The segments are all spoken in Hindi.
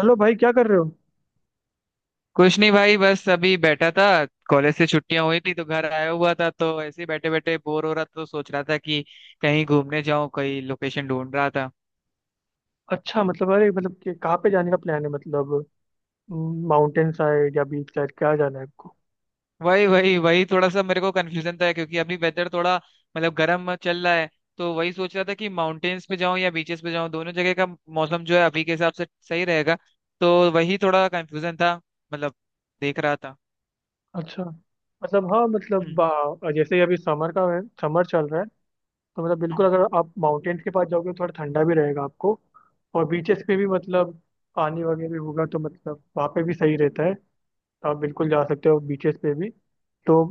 हेलो भाई, क्या कर रहे हो? कुछ नहीं भाई, बस अभी बैठा था। कॉलेज से छुट्टियां हुई थी तो घर आया हुआ था, तो ऐसे ही बैठे बैठे बोर हो रहा था तो सोच रहा था कि कहीं घूमने जाऊं, कहीं लोकेशन ढूंढ रहा था। अच्छा मतलब, अरे मतलब कि कहाँ पे जाने का प्लान है मतलब? माउंटेन साइड या बीच साइड, क्या जाना है आपको? वही वही वही थोड़ा सा मेरे को कंफ्यूजन था क्योंकि अभी वेदर थोड़ा मतलब गर्म चल रहा है। तो वही सोच रहा था कि माउंटेन्स पे जाऊं या बीचेस पे जाऊं, दोनों जगह का मौसम जो है अभी के हिसाब से सही रहेगा। तो वही थोड़ा कंफ्यूजन था मतलब देख रहा था। अच्छा मतलब हाँ हम्म। मतलब जैसे ही अभी समर का है, समर चल रहा है। तो मतलब बिल्कुल, हम्म, अगर आप माउंटेन्स के पास जाओगे तो थोड़ा ठंडा भी रहेगा आपको। और बीचेस पे भी मतलब पानी वगैरह भी होगा, तो मतलब वहाँ पे भी सही रहता है। तो आप बिल्कुल जा सकते हो बीचेस पे भी। तो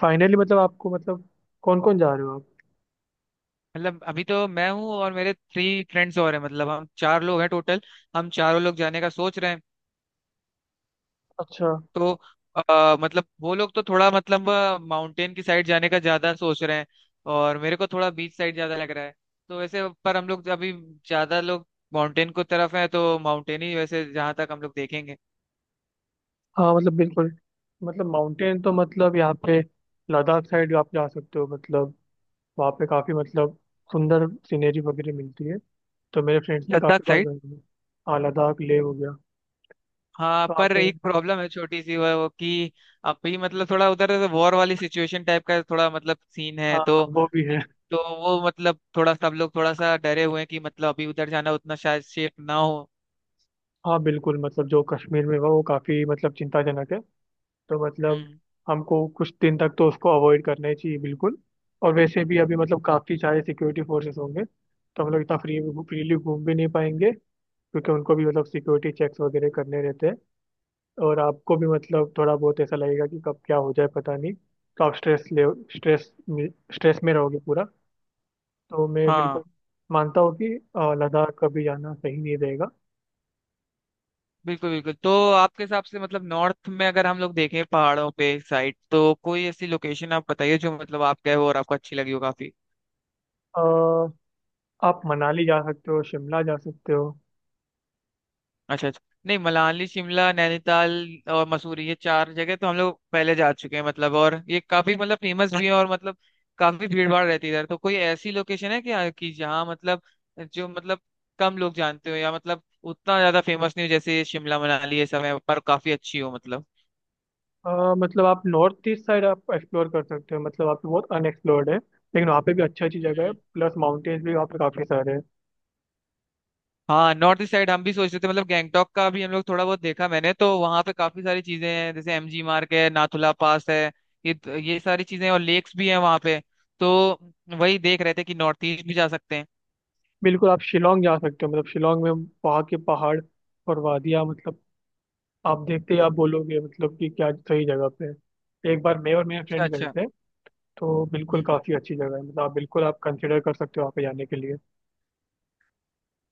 फाइनली मतलब आपको मतलब कौन कौन जा रहे हो आप? मतलब अभी तो मैं हूँ और मेरे थ्री फ्रेंड्स और हैं, मतलब हम चार लोग हैं टोटल। हम चारों लोग जाने का सोच रहे हैं। अच्छा। तो मतलब वो लोग तो थोड़ा मतलब माउंटेन की साइड जाने का ज्यादा सोच रहे हैं और मेरे को थोड़ा बीच साइड ज्यादा लग रहा है। तो वैसे पर हम लोग अभी ज्यादा लोग माउंटेन को तरफ है, तो माउंटेन ही वैसे जहां तक हम लोग देखेंगे। हाँ मतलब बिल्कुल, मतलब माउंटेन तो मतलब यहाँ पे लद्दाख साइड आप जा सकते हो। मतलब वहाँ पे काफ़ी मतलब सुंदर सीनरी वगैरह मिलती है। तो मेरे फ्रेंड्स भी काफ़ी लद्दाख बार साइड। गए हैं। हाँ, लद्दाख लेह हो गया। हाँ, तो वहाँ पर पे, एक प्रॉब्लम है छोटी सी वो कि अभी मतलब थोड़ा उधर वॉर वाली सिचुएशन टाइप का थोड़ा मतलब सीन है। हाँ वो भी है। तो वो मतलब थोड़ा सब लोग थोड़ा सा डरे हुए हैं कि मतलब अभी उधर जाना उतना शायद सेफ ना हो। हाँ बिल्कुल, मतलब जो कश्मीर में हुआ वो काफ़ी मतलब चिंताजनक है। तो मतलब हम्म। हमको कुछ दिन तक तो उसको अवॉइड करना ही चाहिए बिल्कुल। और वैसे भी अभी मतलब काफ़ी सारे सिक्योरिटी फोर्सेस होंगे, तो हम लोग इतना फ्रीली घूम भी नहीं पाएंगे, क्योंकि उनको भी मतलब सिक्योरिटी चेक्स वगैरह करने रहते हैं। और आपको भी मतलब थोड़ा बहुत ऐसा लगेगा कि कब क्या हो जाए पता नहीं, तो आप स्ट्रेस में स्ट्रेस में रहोगे पूरा। तो मैं हाँ बिल्कुल मानता हूँ कि लद्दाख कभी जाना सही नहीं रहेगा। बिल्कुल बिल्कुल, तो आपके हिसाब से मतलब नॉर्थ में अगर हम लोग देखें पहाड़ों पे साइड, तो कोई ऐसी लोकेशन आप बताइए जो मतलब आप गए हो और आपको अच्छी लगी हो काफी। अ, आप मनाली जा सकते हो, शिमला जा सकते हो। अच्छा अच्छा। नहीं, मनाली, शिमला, नैनीताल और मसूरी, ये चार जगह तो हम लोग पहले जा चुके हैं मतलब, और ये काफी मतलब फेमस भी है और मतलब काफी भीड़ भाड़ रहती है इधर। तो कोई ऐसी लोकेशन है क्या कि जहाँ मतलब जो मतलब कम लोग जानते हो या मतलब उतना ज्यादा फेमस नहीं हो जैसे शिमला, मनाली ये सब है, पर काफी अच्छी हो मतलब। अ, मतलब आप नॉर्थ ईस्ट साइड आप एक्सप्लोर कर सकते हो। मतलब आप बहुत अनएक्सप्लोर्ड है, लेकिन वहाँ पे भी अच्छी अच्छी जगह है, प्लस माउंटेन्स भी वहाँ पे काफ़ी सारे हैं। हाँ नॉर्थ ईस्ट साइड हम भी सोच रहे थे मतलब, गैंगटॉक का भी हम लोग थोड़ा बहुत देखा मैंने, तो वहां पे काफी सारी चीजें हैं जैसे एमजी मार्ग है, नाथुला पास है। ये ये सारी चीजें हैं, और लेक्स भी हैं वहां पे। तो वही देख रहे थे कि नॉर्थ ईस्ट भी जा सकते हैं। बिल्कुल आप शिलोंग जा सकते हो, मतलब शिलोंग में वहाँ के पहाड़ और वादियाँ मतलब आप देखते ही आप बोलोगे मतलब कि क्या सही जगह पे है। एक बार मैं और मेरे अच्छा फ्रेंड गए अच्छा। थे। तो बिल्कुल काफ़ी अच्छी जगह है, मतलब आप बिल्कुल आप कंसिडर कर सकते हो वहाँ पे जाने के लिए।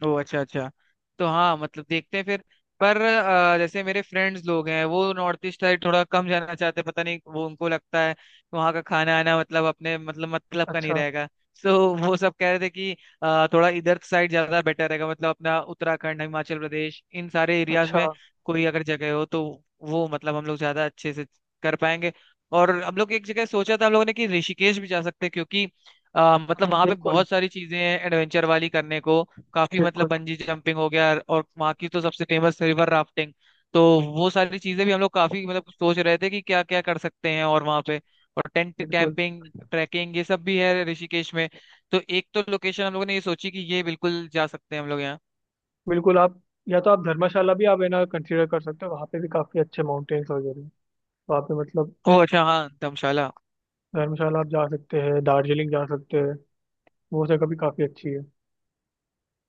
ओ अच्छा अच्छा। तो हाँ मतलब देखते हैं फिर। पर जैसे मेरे फ्रेंड्स लोग हैं वो नॉर्थ ईस्ट साइड थोड़ा कम जाना चाहते हैं, पता नहीं, वो उनको लगता है वहाँ का खाना आना मतलब अपने मतलब का नहीं अच्छा रहेगा। सो वो सब कह रहे थे कि थोड़ा इधर साइड ज्यादा बेटर रहेगा, मतलब अपना उत्तराखंड, हिमाचल प्रदेश, इन सारे एरियाज अच्छा। में कोई अगर जगह हो तो वो मतलब हम लोग ज्यादा अच्छे से कर पाएंगे। और हम लोग एक जगह सोचा था हम लोगों ने कि ऋषिकेश भी जा सकते हैं, क्योंकि मतलब वहां पे बिल्कुल। बहुत सारी चीजें हैं एडवेंचर वाली करने को। काफी मतलब बिल्कुल। बंजी जंपिंग हो गया, और वहाँ की तो सबसे फेमस रिवर राफ्टिंग। तो वो सारी चीजें भी हम लोग काफी मतलब सोच रहे थे कि क्या क्या कर सकते हैं और वहाँ पे, और टेंट, बिल्कुल। कैंपिंग, ट्रैकिंग ये सब भी है ऋषिकेश में। तो एक तो लोकेशन हम लोगों ने ये सोची कि ये बिल्कुल जा सकते हैं हम लोग यहाँ। बिल्कुल आप, या तो आप धर्मशाला भी आप है ना कंसिडर कर सकते हो, वहाँ पे भी काफ़ी अच्छे माउंटेन्स वगैरह हैं वहाँ पे मतलब। ओह अच्छा, हाँ धर्मशाला। धर्मशाला आप जा सकते हैं, दार्जिलिंग जा सकते हैं। वो जगह भी काफ़ी अच्छी है।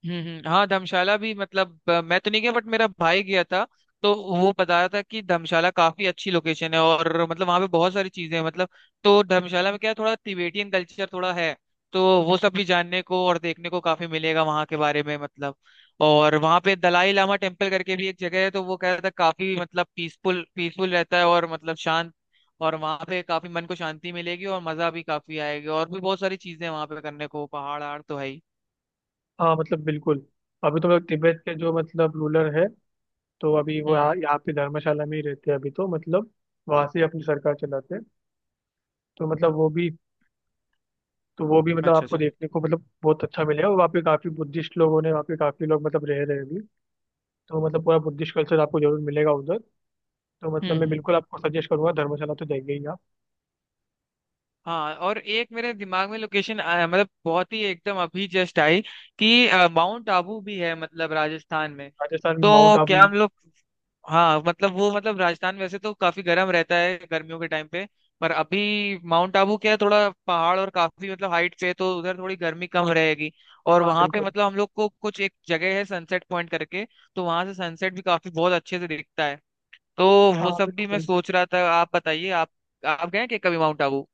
हाँ धर्मशाला भी मतलब मैं तो नहीं गया बट मेरा भाई गया था। तो वो बता रहा था कि धर्मशाला काफी अच्छी लोकेशन है और मतलब वहाँ पे बहुत सारी चीजें हैं मतलब। तो धर्मशाला में क्या है, थोड़ा तिबेटियन कल्चर थोड़ा है। तो वो सब भी जानने को और देखने को काफी मिलेगा वहाँ के बारे में मतलब। और वहाँ पे दलाई लामा टेम्पल करके भी एक जगह है, तो वो कह रहा था काफी मतलब पीसफुल पीसफुल रहता है और मतलब शांत। और वहाँ पे काफी मन को शांति मिलेगी और मजा भी काफी आएगी, और भी बहुत सारी चीजें हैं वहाँ पे करने को, पहाड़ आड़ तो है ही। हाँ मतलब बिल्कुल, अभी तो मतलब तिब्बत के जो मतलब रूलर है, तो अभी वो हम्म। यहाँ यहाँ पे धर्मशाला में ही रहते हैं अभी, तो मतलब वहाँ से अपनी सरकार चलाते हैं। तो मतलब वो भी तो वो भी मतलब अच्छा आपको अच्छा। देखने को मतलब बहुत अच्छा मिलेगा। वहाँ पे काफी बुद्धिस्ट लोगों ने वहाँ पे काफी लोग मतलब रह रहे हैं अभी। तो मतलब पूरा बुद्धिस्ट कल्चर आपको जरूर मिलेगा उधर। तो मतलब हम्म मैं हम्म। बिल्कुल आपको सजेस्ट करूंगा, धर्मशाला तो जाइए ही आप। हाँ और एक मेरे दिमाग में लोकेशन आया मतलब बहुत ही एकदम अभी जस्ट आई कि माउंट आबू भी है मतलब राजस्थान में। राजस्थान में माउंट तो आबू? क्या हम लोग, हाँ मतलब वो मतलब राजस्थान वैसे तो काफी गर्म रहता है गर्मियों के टाइम पे। पर अभी माउंट आबू क्या है, थोड़ा पहाड़ और काफी मतलब हाइट पे है, तो उधर थोड़ी गर्मी कम रहेगी। और हाँ वहां पे बिल्कुल। मतलब हम लोग को कुछ एक जगह है सनसेट पॉइंट करके। तो वहां से सनसेट भी काफी बहुत अच्छे से दिखता है। तो हाँ वो सब भी मैं बिल्कुल। सोच रहा था, आप बताइए आप गए क्या कभी माउंट आबू?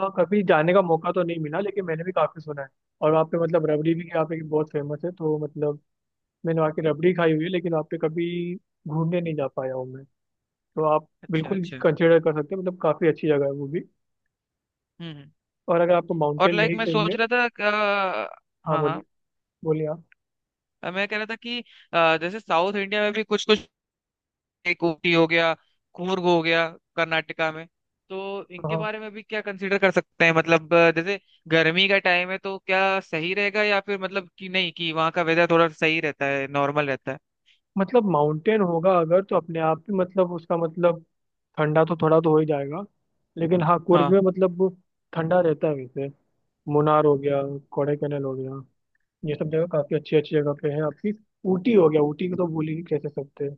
हाँ कभी जाने का मौका तो नहीं मिला, लेकिन मैंने भी काफी सुना है। और वहाँ पे मतलब रबड़ी भी यहाँ पे बहुत फेमस है, तो मतलब मैंने वहाँ की रबड़ी खाई हुई है, लेकिन वहाँ पे कभी घूमने नहीं जा पाया हूँ मैं। तो आप अच्छा बिल्कुल अच्छा। कंसिडर कर सकते हैं, मतलब काफ़ी अच्छी जगह है वो भी। हम्म हम्म। और अगर आपको और माउंटेन लाइक नहीं मैं चाहिए। सोच रहा था हाँ हाँ हाँ, बोलिए। बोलिए आप। मैं कह रहा था कि जैसे साउथ इंडिया में भी कुछ कुछ, एक ऊटी हो गया, कूर्ग हो गया, कर्नाटका में। तो इनके हाँ बारे में भी क्या कंसीडर कर सकते हैं मतलब जैसे गर्मी का टाइम है तो क्या सही रहेगा या फिर मतलब कि नहीं, कि वहाँ का वेदर थोड़ा सही रहता है, नॉर्मल रहता है। मतलब माउंटेन होगा अगर, तो अपने आप ही मतलब उसका मतलब ठंडा तो थोड़ा तो हो ही जाएगा। लेकिन हाँ, कुर्ग में हाँ मतलब वो ठंडा रहता है वैसे। मुनार हो गया, कोडाईकनाल हो गया, ये सब जगह काफ़ी अच्छी अच्छी जगह पे है आपकी। ऊटी हो गया, ऊटी को तो भूल ही नहीं कैसे सकते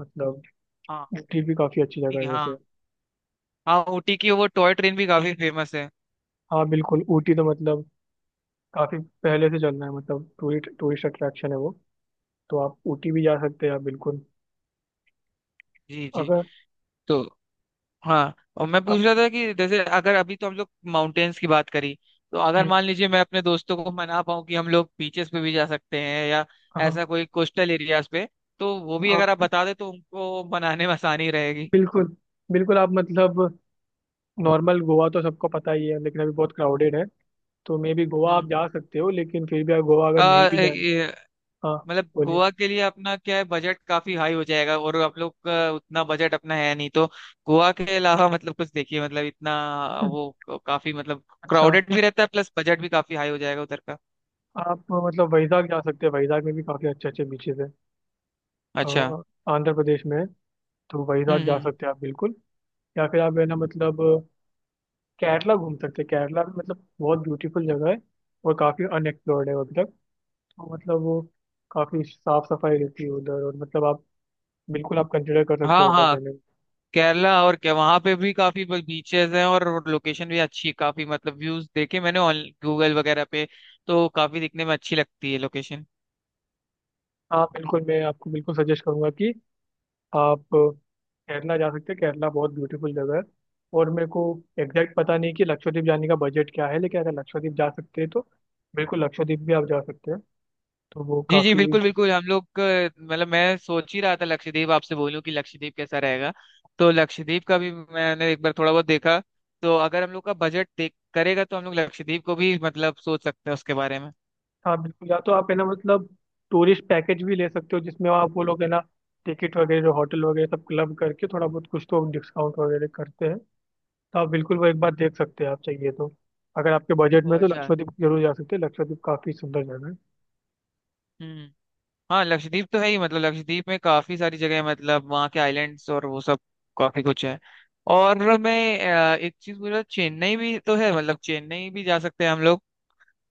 मतलब। हाँ। ऊटी भी काफ़ी अच्छी ऊटी जगह है हाँ, वैसे। हाँ ऊटी की वो टॉय ट्रेन भी काफी फेमस है। हाँ बिल्कुल, ऊटी तो मतलब काफ़ी पहले से चलना है, मतलब टूरिस्ट टूरिस्ट अट्रैक्शन है वो। तो आप ऊटी भी जा सकते हैं आप बिल्कुल। जी जी। अगर तो हाँ और मैं पूछ आप। रहा था कि जैसे अगर अभी तो हम लोग माउंटेन्स की बात करी, तो अगर हम्म, मान लीजिए मैं अपने दोस्तों को मना पाऊँ कि हम लोग बीचेस पे भी जा सकते हैं, या हाँ। ऐसा कोई कोस्टल एरियाज पे तो वो भी हाँ अगर आप बता दे तो उनको मनाने में आसानी रहेगी। बिल्कुल। बिल्कुल आप मतलब नॉर्मल गोवा तो सबको पता ही है, लेकिन अभी बहुत क्राउडेड है। तो मे बी गोवा आप हम्म। जा सकते हो, लेकिन फिर भी आप गोवा अ, अगर नहीं भी ए- जाए। ए- हाँ मतलब बोलिए। गोवा के लिए अपना क्या है, बजट काफी हाई हो जाएगा और आप लोग का उतना बजट अपना है नहीं, तो गोवा के अलावा मतलब कुछ देखिए मतलब इतना हम्म, वो काफी मतलब अच्छा। क्राउडेड भी रहता है, प्लस बजट भी काफी हाई हो जाएगा उधर का। आप मतलब वैजाग जा सकते हैं, वैजाग में भी काफ़ी अच्छे अच्छे बीचेस हैं। अच्छा। अ, आंध्र प्रदेश में है, तो वैजाग जा हम्म। सकते हैं आप बिल्कुल। या फिर आप है ना मतलब केरला घूम सकते हैं। केरला भी मतलब बहुत ब्यूटीफुल जगह है, और काफ़ी अनएक्सप्लोर्ड है अभी तक। और मतलब वो काफी साफ सफाई रहती है उधर, और मतलब आप बिल्कुल आप कंसिडर कर सकते हाँ हो उधर हाँ, जाने का। केरला और क्या, वहां पे भी काफी बीचेस हैं और लोकेशन भी अच्छी है काफी मतलब, व्यूज देखे मैंने ऑन गूगल वगैरह पे, तो काफी दिखने में अच्छी लगती है लोकेशन। हाँ बिल्कुल, मैं आपको बिल्कुल सजेस्ट करूंगा कि आप केरला जा सकते हैं, केरला बहुत ब्यूटीफुल जगह है। और मेरे को एग्जैक्ट पता नहीं कि लक्षद्वीप जाने का बजट क्या है, लेकिन अगर लक्षद्वीप जा सकते हैं तो बिल्कुल लक्षद्वीप भी आप जा सकते हैं। तो वो जी जी काफी। बिल्कुल बिल्कुल, हम लोग मतलब मैं सोच ही रहा था लक्षद्वीप आपसे बोलूं कि लक्षद्वीप कैसा रहेगा। तो लक्षद्वीप का भी मैंने एक बार थोड़ा बहुत देखा, तो अगर हम लोग का बजट देख करेगा तो हम लोग लक्षद्वीप को भी मतलब सोच सकते हैं उसके बारे में। हाँ बिल्कुल, या तो आप है ना मतलब टूरिस्ट पैकेज भी ले सकते हो, जिसमें आप वो लोग है ना टिकट वगैरह होटल वगैरह सब क्लब करके थोड़ा बहुत कुछ तो डिस्काउंट वगैरह करते हैं। तो आप बिल्कुल वो एक बार देख सकते हैं आप चाहिए तो। अगर आपके बजट ओ में है तो अच्छा। लक्षद्वीप जरूर जा सकते हैं, लक्षद्वीप काफी सुंदर जगह है। हम्म। हाँ लक्षद्वीप तो है ही मतलब, लक्षद्वीप में काफी सारी जगह है मतलब वहाँ के आइलैंड्स और वो सब, काफी कुछ है। और मैं एक चीज बोल रहा, चेन्नई भी तो है मतलब, चेन्नई भी जा सकते हैं हम लोग।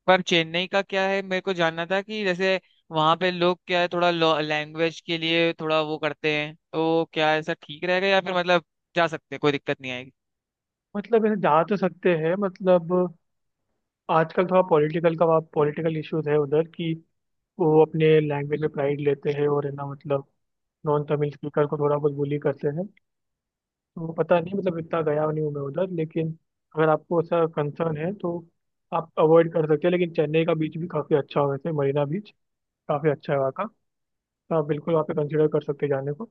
पर चेन्नई का क्या है, मेरे को जानना था कि जैसे वहाँ पे लोग क्या है थोड़ा लैंग्वेज के लिए थोड़ा वो करते हैं, तो क्या ऐसा ठीक रहेगा या फिर मतलब जा सकते हैं, कोई दिक्कत नहीं आएगी? मतलब ऐसे जा तो सकते हैं मतलब, आजकल थोड़ा पॉलिटिकल का वहाँ पॉलिटिकल इश्यूज है उधर, कि वो अपने लैंग्वेज में प्राइड लेते हैं और है ना मतलब नॉन तमिल स्पीकर को थोड़ा बहुत बुली करते हैं। तो पता नहीं मतलब, इतना गया नहीं हूँ मैं उधर, लेकिन अगर आपको ऐसा कंसर्न है तो आप अवॉइड कर सकते हैं। लेकिन चेन्नई का बीच भी काफी अच्छा है वैसे, मरीना बीच काफी अच्छा है वहाँ का। तो आप बिल्कुल वहाँ पे कंसिडर कर सकते हैं जाने को।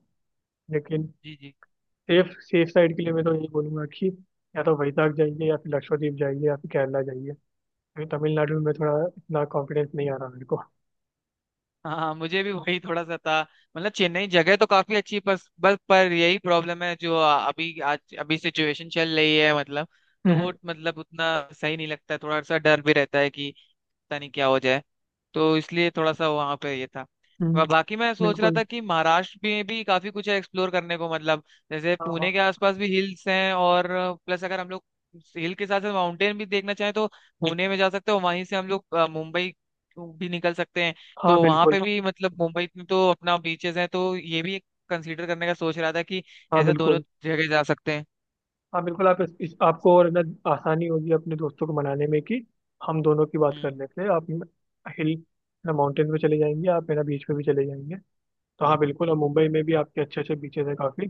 लेकिन जी जी। सेफ सेफ साइड के लिए मैं तो यही बोलूंगा कि या तो वैशाख जाइए, या फिर लक्षद्वीप जाइए, या फिर केरला जाइए। अभी तमिलनाडु में थोड़ा इतना कॉन्फिडेंस नहीं आ रहा मेरे को। हाँ मुझे भी वही थोड़ा सा था मतलब, चेन्नई जगह तो काफी अच्छी, पर बस पर यही प्रॉब्लम है जो अभी आज अभी सिचुएशन चल रही है मतलब। तो हम्म वो मतलब उतना सही नहीं लगता है, थोड़ा सा डर भी रहता है कि पता नहीं क्या हो जाए, तो इसलिए थोड़ा सा वहां पे ये था। वह हम्म, बाकी मैं सोच रहा बिल्कुल। था कि महाराष्ट्र में भी काफी कुछ है एक्सप्लोर करने को मतलब, जैसे हाँ हाँ। पुणे के आसपास भी हिल्स हैं, और प्लस अगर हम लोग हिल के साथ साथ माउंटेन भी देखना चाहें तो पुणे में जा सकते हो, वहीं से हम लोग मुंबई भी निकल सकते हैं। हाँ तो वहां बिल्कुल। पे भी मतलब मुंबई में तो अपना बीचेस हैं, तो ये भी कंसीडर करने का सोच रहा था कि हाँ ऐसा दोनों बिल्कुल। जगह जा सकते हैं। हाँ बिल्कुल आप इस आपको और ना आसानी होगी अपने दोस्तों को मनाने में, कि हम दोनों की बात हम्म। कर लेते हैं आप हिल ना माउंटेन पे चले जाएंगे, आप मेरा बीच पे भी चले जाएंगे। तो हाँ बिल्कुल, और मुंबई में भी आपके अच्छे अच्छे बीचेस हैं काफ़ी।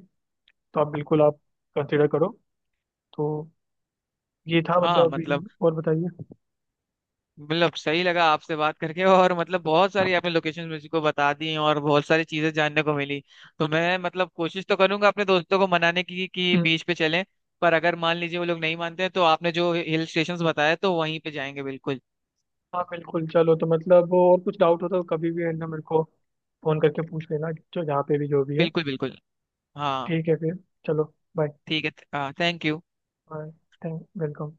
तो आप बिल्कुल आप कंसिडर करो। तो ये था हाँ मतलब अभी। मतलब, और बताइए। मतलब सही लगा आपसे बात करके और मतलब बहुत सारी आपने लोकेशन मुझे को बता दी और बहुत सारी चीजें जानने को मिली। तो मैं मतलब कोशिश तो करूंगा अपने दोस्तों को मनाने की कि बीच पे चलें, पर अगर मान लीजिए वो लोग नहीं मानते हैं तो आपने जो हिल स्टेशंस बताया तो वहीं पे जाएंगे, बिल्कुल। हाँ बिल्कुल, चलो। तो मतलब और कुछ डाउट हो तो कभी भी है ना मेरे को फोन करके पूछ लेना, जो जहाँ पे भी जो भी है। बिल्कुल बिल्कुल। हाँ ठीक है फिर, चलो बाय। ठीक है, हाँ thank you. Bye. Thank welcome.